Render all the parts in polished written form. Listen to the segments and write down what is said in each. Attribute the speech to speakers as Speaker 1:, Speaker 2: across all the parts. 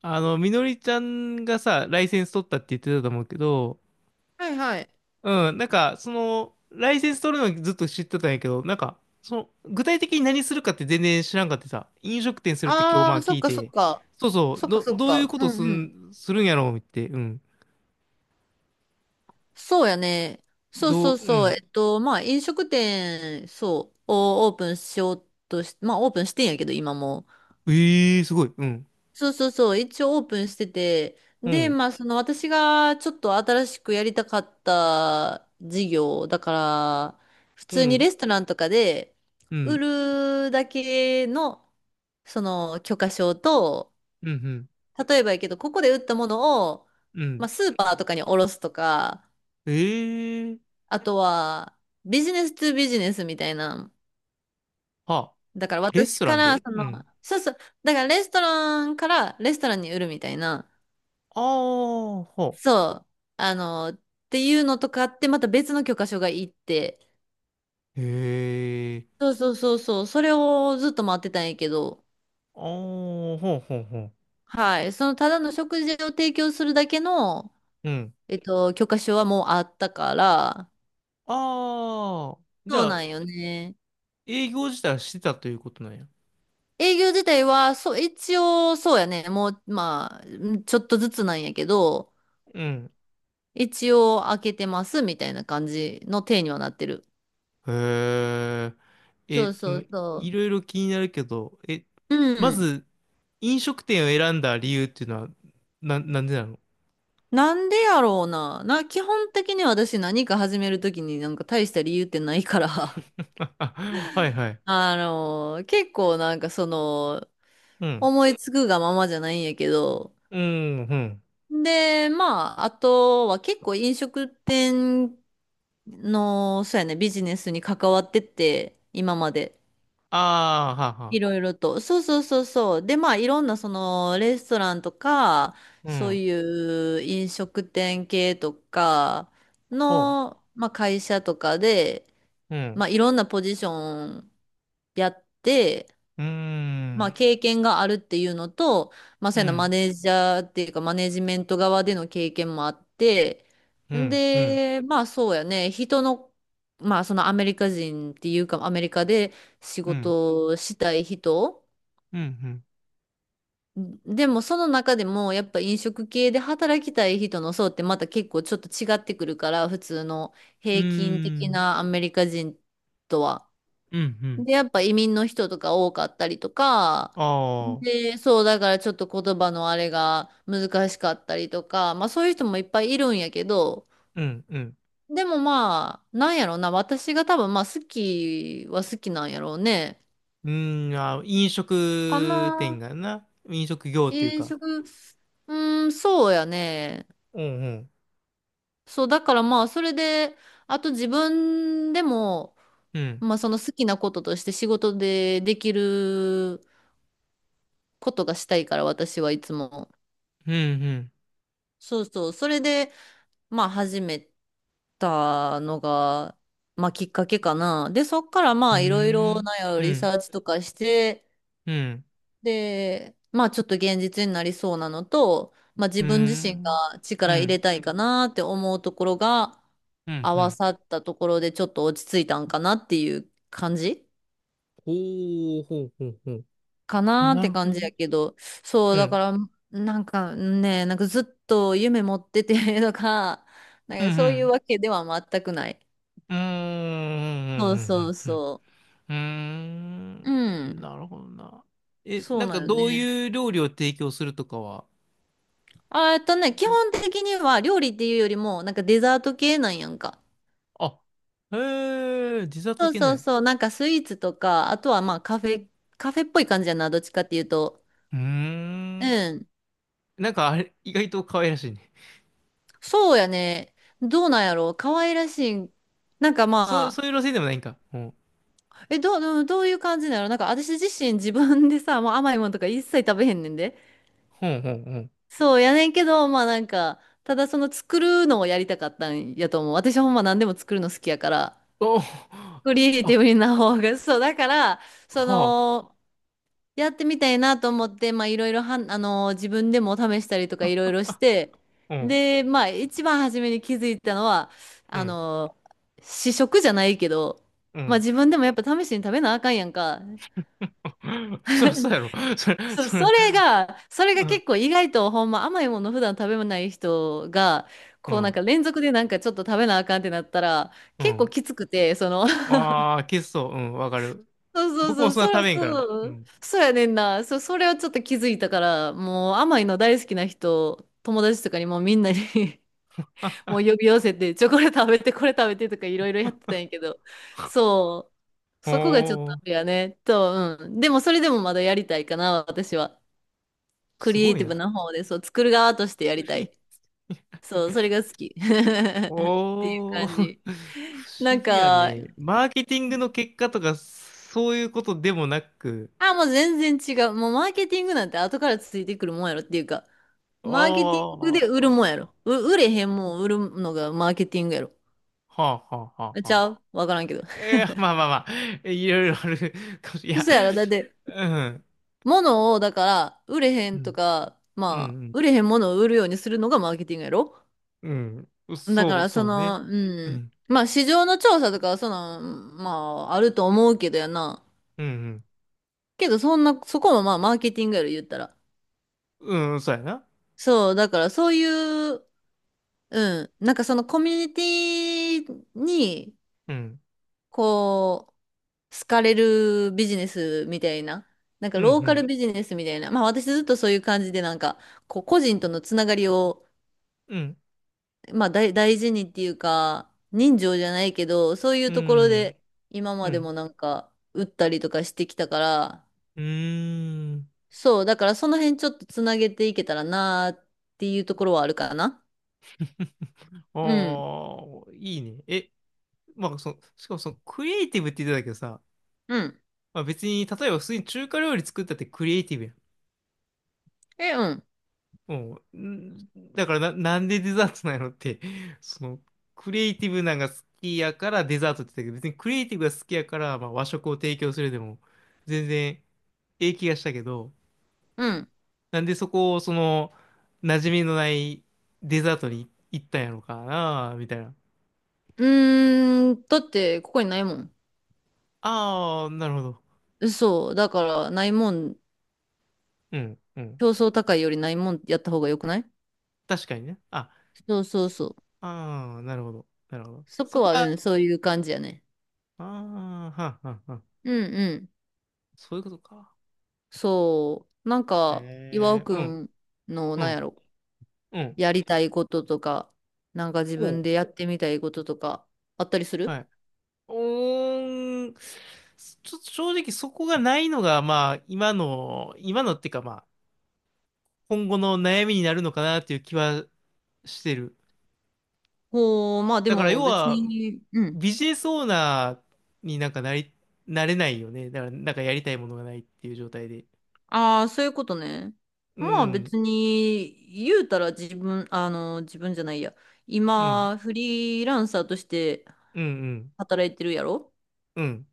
Speaker 1: みのりちゃんがさ、ライセンス取ったって言ってたと思うけど、
Speaker 2: はいはい。
Speaker 1: うん、なんか、その、ライセンス取るのずっと知ってたんやけど、なんか、その、具体的に何するかって全然知らんかってさ、飲食店するって今日ま
Speaker 2: ああ、
Speaker 1: あ
Speaker 2: そ
Speaker 1: 聞
Speaker 2: っ
Speaker 1: い
Speaker 2: かそっ
Speaker 1: て、
Speaker 2: か。
Speaker 1: そうそ
Speaker 2: そ
Speaker 1: う、
Speaker 2: っかそっ
Speaker 1: どういう
Speaker 2: か。
Speaker 1: こ
Speaker 2: う
Speaker 1: と
Speaker 2: んうん。
Speaker 1: するんやろうって、うん。
Speaker 2: そうやね。そうそう
Speaker 1: う
Speaker 2: そう。
Speaker 1: ん。
Speaker 2: まあ、飲食店、そう、をオープンしようとし、まあ、オープンしてんやけど、今も。
Speaker 1: ええー、すごい、うん。
Speaker 2: そうそうそう。一応オープンしてて。
Speaker 1: う
Speaker 2: で、
Speaker 1: ん、
Speaker 2: まあ、その私がちょっと新しくやりたかった事業、だから、普
Speaker 1: う
Speaker 2: 通に
Speaker 1: ん、
Speaker 2: レストランとかで
Speaker 1: う
Speaker 2: 売
Speaker 1: ん、
Speaker 2: るだけの、その許可証と、
Speaker 1: うん、うん。
Speaker 2: 例えばやけど、ここで売ったものを、
Speaker 1: う
Speaker 2: ま
Speaker 1: ん、
Speaker 2: あ、スーパーとかに卸すとか、
Speaker 1: ええー、
Speaker 2: あとは、ビジネストゥビジネスみたいな。
Speaker 1: は、
Speaker 2: だから
Speaker 1: レス
Speaker 2: 私
Speaker 1: トラ
Speaker 2: か
Speaker 1: ン
Speaker 2: ら、
Speaker 1: で、
Speaker 2: そ
Speaker 1: う
Speaker 2: の、
Speaker 1: ん。
Speaker 2: そうそう、だからレストランからレストランに売るみたいな。
Speaker 1: ああ、ほ
Speaker 2: そう、あの、っていうのとかって、また別の許可書がいって、
Speaker 1: う。へえ、
Speaker 2: そうそうそうそう、それをずっと待ってたんやけど、
Speaker 1: ああ、ほうほうほう。
Speaker 2: はい、そのただの食事を提供するだけの、
Speaker 1: うん。
Speaker 2: 許可書はもうあったから、
Speaker 1: ああ、じ
Speaker 2: そう
Speaker 1: ゃ
Speaker 2: な
Speaker 1: あ、
Speaker 2: んよね。
Speaker 1: 営業自体はしてたということなんや。
Speaker 2: 営業自体は、そう、一応、そうやね。もう、まあ、んちょっとずつなんやけど、
Speaker 1: うん。
Speaker 2: 一応開けてますみたいな感じの体にはなってる。
Speaker 1: へえ。
Speaker 2: そう
Speaker 1: え、そ
Speaker 2: そ
Speaker 1: の、
Speaker 2: うそ
Speaker 1: い
Speaker 2: う。
Speaker 1: ろいろ気になるけど、え、
Speaker 2: う
Speaker 1: ま
Speaker 2: ん。
Speaker 1: ず、飲食店を選んだ理由っていうのは、なんでなの？
Speaker 2: なんでやろうな。な、基本的に私何か始めるときになんか大した理由ってないから。
Speaker 1: はいはい。
Speaker 2: 結構なんかその、
Speaker 1: うん。
Speaker 2: 思いつくがままじゃないんやけど。
Speaker 1: うん、うん。
Speaker 2: で、まあ、あとは結構飲食店の、そうやね、ビジネスに関わってて、今まで。
Speaker 1: ああ、は
Speaker 2: い
Speaker 1: は。
Speaker 2: ろいろと。そうそうそうそう。で、まあ、いろんな、その、レストランとか、
Speaker 1: う
Speaker 2: そう
Speaker 1: ん。
Speaker 2: いう飲食店系とか
Speaker 1: ほ
Speaker 2: の、まあ、会社とかで、
Speaker 1: う。うん。
Speaker 2: まあ、いろんなポジションやって、
Speaker 1: うー
Speaker 2: まあ、
Speaker 1: ん。
Speaker 2: 経験があるっていうのと、まあ、そ
Speaker 1: う
Speaker 2: ういうのマ
Speaker 1: ん。
Speaker 2: ネージャーっていうか、マネジメント側での経験もあって、
Speaker 1: うん。うん。
Speaker 2: で、まあ、そうやね、人の、まあ、そのアメリカ人っていうか、アメリカで仕
Speaker 1: うん。
Speaker 2: 事をしたい人、
Speaker 1: うん。うん。
Speaker 2: でも、その中でも、やっぱ飲食系で働きたい人の層ってまた結構ちょっと違ってくるから、普通の
Speaker 1: うー
Speaker 2: 平均的
Speaker 1: ん。
Speaker 2: なアメリカ人とは。
Speaker 1: うん。うん。
Speaker 2: で、やっぱ移民の人とか多かったりとか、
Speaker 1: ああ。
Speaker 2: で、そう、だからちょっと言葉のあれが難しかったりとか、まあそういう人もいっぱいいるんやけど、
Speaker 1: うん。うん。
Speaker 2: でもまあ、なんやろな、私が多分まあ好きは好きなんやろうね。
Speaker 1: うーん、あー、飲
Speaker 2: か
Speaker 1: 食店
Speaker 2: な、
Speaker 1: がな、飲食業っていう
Speaker 2: 飲
Speaker 1: か。
Speaker 2: 食、うん、そうやね。
Speaker 1: うんうん。
Speaker 2: そう、だからまあそれで、あと自分でも、
Speaker 1: うん。
Speaker 2: まあその好きなこととして仕事でできることがしたいから、私はいつも。
Speaker 1: うん
Speaker 2: そうそう。それで、まあ始めたのが、まあきっかけかな。で、そっからま
Speaker 1: う
Speaker 2: あいろい
Speaker 1: ん。
Speaker 2: ろな
Speaker 1: うーん。う
Speaker 2: リサ
Speaker 1: ん。
Speaker 2: ーチとかして、
Speaker 1: うん。
Speaker 2: で、まあちょっと現実になりそうなのと、まあ自
Speaker 1: うー
Speaker 2: 分自身が
Speaker 1: ん。う
Speaker 2: 力入れ
Speaker 1: ん。
Speaker 2: たいかなって思うところが
Speaker 1: うん。
Speaker 2: 合
Speaker 1: う
Speaker 2: わ
Speaker 1: ん。
Speaker 2: さったところでちょっと落ち着いたんかなっていう感じ
Speaker 1: ほうほうほうほう。
Speaker 2: かなっ
Speaker 1: な
Speaker 2: て
Speaker 1: るほ
Speaker 2: 感
Speaker 1: ど
Speaker 2: じ
Speaker 1: ね。
Speaker 2: やけど、そう、
Speaker 1: う
Speaker 2: だか
Speaker 1: ん。
Speaker 2: ら、なんかね、なんかずっと夢持っててとか、
Speaker 1: う
Speaker 2: な
Speaker 1: ん
Speaker 2: んかそ
Speaker 1: う
Speaker 2: ういう
Speaker 1: ん。
Speaker 2: わけでは全くない。
Speaker 1: うー
Speaker 2: そうそ
Speaker 1: ん。
Speaker 2: う
Speaker 1: うん。うん。
Speaker 2: そ
Speaker 1: うー
Speaker 2: う。う
Speaker 1: ん、
Speaker 2: ん。
Speaker 1: なるほどな。え、
Speaker 2: そ
Speaker 1: な
Speaker 2: う
Speaker 1: ん
Speaker 2: な
Speaker 1: か
Speaker 2: よ
Speaker 1: どう
Speaker 2: ね。
Speaker 1: いう料理を提供するとかは、
Speaker 2: あ、基
Speaker 1: い
Speaker 2: 本的には料理っていうよりも、なんかデザート系なんやんか。
Speaker 1: あ、へえ、実は
Speaker 2: そ
Speaker 1: 解
Speaker 2: う
Speaker 1: けな
Speaker 2: そ
Speaker 1: い。
Speaker 2: う
Speaker 1: う
Speaker 2: そう。なんかスイーツとか、あとはまあカフェ、カフェっぽい感じやな。どっちかっていうと。
Speaker 1: ーん。
Speaker 2: うん。
Speaker 1: なんかあれ、意外と可愛らしいね。
Speaker 2: そうやね。どうなんやろう。可愛らしい。なんか
Speaker 1: そう、
Speaker 2: ま
Speaker 1: そういう路線でもないんか。うん。
Speaker 2: あ、え、どう、どうどういう感じなのなんか私自身自分でさ、もう甘いものとか一切食べへんねんで。
Speaker 1: ほんほんほん。
Speaker 2: そうやねんけど、まあなんか、ただその作るのをやりたかったんやと思う。私ほんま何でも作るの好きやから。
Speaker 1: お
Speaker 2: クリエイティブ
Speaker 1: あ、
Speaker 2: にな方が、そう、だから、そ
Speaker 1: はあ。
Speaker 2: の、やってみたいなと思って、まあ、いろいろはん、自分でも試したりとかいろいろして、
Speaker 1: うん。
Speaker 2: で、まあ、一番初めに気づいたのは、
Speaker 1: う
Speaker 2: あ
Speaker 1: ん。
Speaker 2: の、試食じゃないけど、
Speaker 1: う
Speaker 2: まあ、
Speaker 1: ん。
Speaker 2: 自分でもやっぱ試しに食べなあかんやんか。
Speaker 1: そらそうやろ。そら、
Speaker 2: そう、
Speaker 1: そら、
Speaker 2: それ
Speaker 1: う
Speaker 2: が
Speaker 1: ん。
Speaker 2: 結構意外とほんま甘いもの普段食べない人が、
Speaker 1: う
Speaker 2: こうなん
Speaker 1: ん。
Speaker 2: か連続でなんかちょっと食べなあかんってなったら、
Speaker 1: う
Speaker 2: 結構
Speaker 1: ん。
Speaker 2: きつくて、その
Speaker 1: ああ、消すそう。うん。わかる。
Speaker 2: そうそう
Speaker 1: 僕
Speaker 2: そ
Speaker 1: も
Speaker 2: う、
Speaker 1: そんな
Speaker 2: そ
Speaker 1: 食
Speaker 2: ら、
Speaker 1: べんから。
Speaker 2: そ
Speaker 1: う
Speaker 2: う、
Speaker 1: ん。
Speaker 2: そうやねんな。そ、それはちょっと気づいたから、もう甘いの大好きな人、友達とかにもうみんなに
Speaker 1: あ
Speaker 2: もう
Speaker 1: あ、
Speaker 2: 呼び寄せて、チョコレート食べて、これ食べてとかいろいろやってたんやけど、そう、そこがちょっと
Speaker 1: お
Speaker 2: あ
Speaker 1: ー。
Speaker 2: れやね。と、うん。でもそれでもまだやりたいかな、私は。ク
Speaker 1: す
Speaker 2: リエ
Speaker 1: ご
Speaker 2: イ
Speaker 1: い
Speaker 2: ティブ
Speaker 1: な。
Speaker 2: な方で、そう、作る側としてや
Speaker 1: フ
Speaker 2: りた
Speaker 1: リー。
Speaker 2: い。そう、それが好き。っていう
Speaker 1: おー。
Speaker 2: 感じ。
Speaker 1: 不
Speaker 2: な
Speaker 1: 思
Speaker 2: ん
Speaker 1: 議や
Speaker 2: か、
Speaker 1: ね。マーケティングの結果とか、そういうことでもなく。
Speaker 2: あ、もう全然違う。もうマーケティングなんて後からついてくるもんやろっていうか、
Speaker 1: あ
Speaker 2: マーケティン
Speaker 1: あ。
Speaker 2: グで売るも
Speaker 1: は
Speaker 2: んやろ。う、売れへんもん売るのがマーケティングやろ。
Speaker 1: あはあは
Speaker 2: あ
Speaker 1: あ
Speaker 2: ち
Speaker 1: は
Speaker 2: ゃうわからんけど。
Speaker 1: えー、まあまあまあ、いろいろあるかもしれない。
Speaker 2: そや
Speaker 1: いや、
Speaker 2: ろ、だって、
Speaker 1: うん、
Speaker 2: 物を、だから、売れへ
Speaker 1: う
Speaker 2: んと
Speaker 1: ん、
Speaker 2: か、
Speaker 1: う
Speaker 2: まあ、
Speaker 1: ん、
Speaker 2: 売れへんものを売るようにするのがマーケティングやろ。
Speaker 1: うん、
Speaker 2: だか
Speaker 1: そう、
Speaker 2: ら、そ
Speaker 1: そうね。
Speaker 2: の、う
Speaker 1: う
Speaker 2: ん。
Speaker 1: ん、
Speaker 2: まあ、市場の調査とかは、その、まあ、あると思うけどやな。
Speaker 1: うん、
Speaker 2: けど、そんな、そこもまあ、マーケティングやろ、言ったら。
Speaker 1: うん、うん、そうやな。
Speaker 2: そう、だから、そういう、うん。なんかそのコミュニティに、
Speaker 1: うん、
Speaker 2: こう、好かれるビジネスみたいな。なんか
Speaker 1: うん、う
Speaker 2: ローカル
Speaker 1: ん、
Speaker 2: ビジネスみたいな。まあ私ずっとそういう感じでなんか、こう個人とのつながりを、
Speaker 1: うん、
Speaker 2: まあ大、大事にっていうか、人情じゃないけど、そういうところで今
Speaker 1: う
Speaker 2: まで
Speaker 1: ん、
Speaker 2: もなんか、打ったりとかしてきたから、
Speaker 1: うん。
Speaker 2: そう、だからその辺ちょっとつなげていけたらなーっていうところはあるかな。うん。
Speaker 1: おあ、いいね。え、まあ、しかもその、クリエイティブって言ってたけどさ、
Speaker 2: うん。
Speaker 1: まあ、別に、例えば普通に中華料理作ったってクリエイティブやん。
Speaker 2: え、うん。
Speaker 1: もう、ん、だからな、なんでデザートなんやろって、その、クリエイティブなんが好きやからデザートって言ったけど、別にクリエイティブが好きやから、まあ、和食を提供するでも、全然、ええ気がしたけど、
Speaker 2: うん。
Speaker 1: なんでそこを、その、馴染みのないデザートに行ったんやろかな、みたいな。
Speaker 2: うーん、だってここにないもん。
Speaker 1: ああ、なるほど。
Speaker 2: そう、だからないもん、
Speaker 1: うん、うん。
Speaker 2: 競争高いよりないもんやった方がよくない
Speaker 1: 確かにね。あ、
Speaker 2: そうそうそう。
Speaker 1: ああ、なるほど。なるほど。
Speaker 2: そ
Speaker 1: そ
Speaker 2: こ
Speaker 1: こ
Speaker 2: は、う
Speaker 1: は、
Speaker 2: ん、そういう感じやね。
Speaker 1: ああ、はんはんはん。
Speaker 2: うんうん。
Speaker 1: そういうことか。
Speaker 2: そう、なんか、岩尾
Speaker 1: ええ、
Speaker 2: く
Speaker 1: うん、
Speaker 2: んの、
Speaker 1: う
Speaker 2: なんや
Speaker 1: ん。
Speaker 2: ろ、
Speaker 1: うん、
Speaker 2: やりたいこととか、なんか自
Speaker 1: お
Speaker 2: 分
Speaker 1: う、
Speaker 2: でやってみたいこととか、あったりす
Speaker 1: は
Speaker 2: る
Speaker 1: い。おーん、ちょっと正直そこがないのが、まあ、今の、今のっていうか、まあ、今後の悩みになるのかなっていう気はしてる。
Speaker 2: ほう、まあで
Speaker 1: だから
Speaker 2: も
Speaker 1: 要
Speaker 2: 別
Speaker 1: は、
Speaker 2: に、うん。
Speaker 1: ビジネスオーナーになんかなれないよね。だから、なんかやりたいものがないっていう状態で。
Speaker 2: ああ、そういうことね。
Speaker 1: う
Speaker 2: まあ
Speaker 1: ん、
Speaker 2: 別に、言うたら自分、あの、自分じゃないや。
Speaker 1: うん、
Speaker 2: 今、フリーランサーとして
Speaker 1: うん、うん、
Speaker 2: 働いてるやろ
Speaker 1: うん。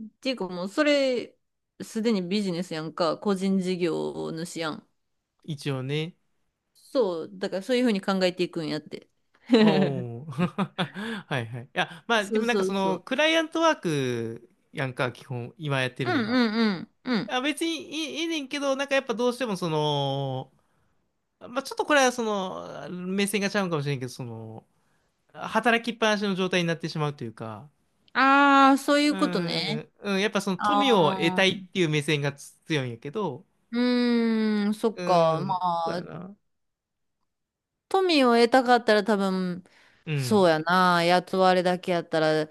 Speaker 2: っていうかもう、それ、すでにビジネスやんか、個人事業主やん。
Speaker 1: 一応ね。
Speaker 2: そう、だからそういうふうに考えていくんやって。
Speaker 1: おー。はいはい。いや、まあ、
Speaker 2: そ
Speaker 1: で
Speaker 2: う
Speaker 1: もなんか
Speaker 2: そう
Speaker 1: そ
Speaker 2: そ
Speaker 1: の、
Speaker 2: う。
Speaker 1: クライアントワークやんか、基本、今やって
Speaker 2: う
Speaker 1: るの
Speaker 2: ん
Speaker 1: が。
Speaker 2: うんうん。うん。
Speaker 1: あ、別にいいねんけど、なんかやっぱどうしてもその、まあ、ちょっとこれはその、目線がちゃうんかもしれんけど、その、働きっぱなしの状態になってしまうというか、
Speaker 2: ああ、そういう
Speaker 1: う
Speaker 2: ことね。
Speaker 1: ん、うん、やっぱその富を得
Speaker 2: あ
Speaker 1: たいっ
Speaker 2: あ、
Speaker 1: ていう目線がつ強いんやけど、
Speaker 2: うーん、そっ
Speaker 1: う
Speaker 2: か。ま
Speaker 1: ん、そうや
Speaker 2: あ、
Speaker 1: な。
Speaker 2: 富を得たかったら多分、
Speaker 1: う
Speaker 2: そ
Speaker 1: ん、
Speaker 2: うやな。雇われだけやったら、も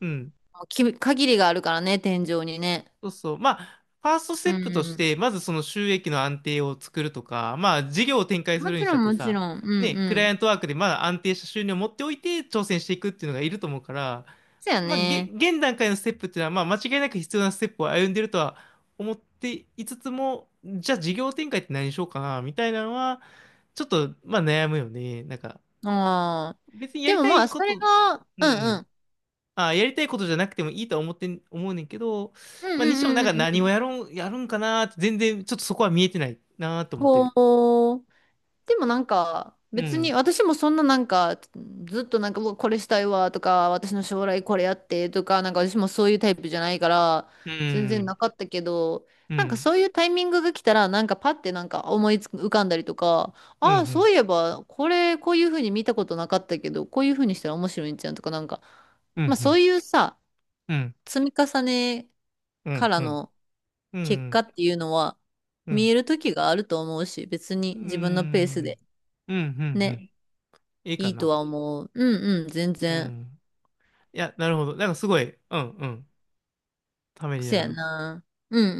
Speaker 1: うん、
Speaker 2: うき、限りがあるからね、天井にね。
Speaker 1: そうそう。まあ、ファーストステ
Speaker 2: う
Speaker 1: ップとし
Speaker 2: ん。
Speaker 1: て、まずその収益の安定を作るとか、まあ、事業を展開す
Speaker 2: も
Speaker 1: る
Speaker 2: ち
Speaker 1: にし
Speaker 2: ろ
Speaker 1: たっ
Speaker 2: ん、
Speaker 1: て
Speaker 2: もち
Speaker 1: さ、
Speaker 2: ろん。うんう
Speaker 1: ね、クライ
Speaker 2: ん。
Speaker 1: アントワークでまだ安定した収入を持っておいて挑戦していくっていうのがいると思うから、
Speaker 2: そうやね。ああ。でもまあ、それが、うんうんうんうんうん。こう。でもなんか、別に私もそんななんか、ずっとなんか、うわこれしたいわとか、私の将来これやってとか、なんか私もそういうタイプじゃないから、全然なかったけど、なんかそういうタイミングが来たら、なんかパッてなんか思いつく浮かんだりとか、ああ、そういえば、これ、こういうふうに見たことなかったけど、こういうふうにしたら面白いんじゃんとか、なんか、まあそういうさ、積み重ねからの結果っていうのは、見える時があると思うし、別に自分のペースで。ね。
Speaker 1: いい
Speaker 2: い
Speaker 1: か
Speaker 2: いと
Speaker 1: な。
Speaker 2: は思う。うんうん、全
Speaker 1: う
Speaker 2: 然。
Speaker 1: ん。いや、なるほど。なんかすごい、うんうん。ためにな
Speaker 2: 癖
Speaker 1: り
Speaker 2: や
Speaker 1: ます。
Speaker 2: な。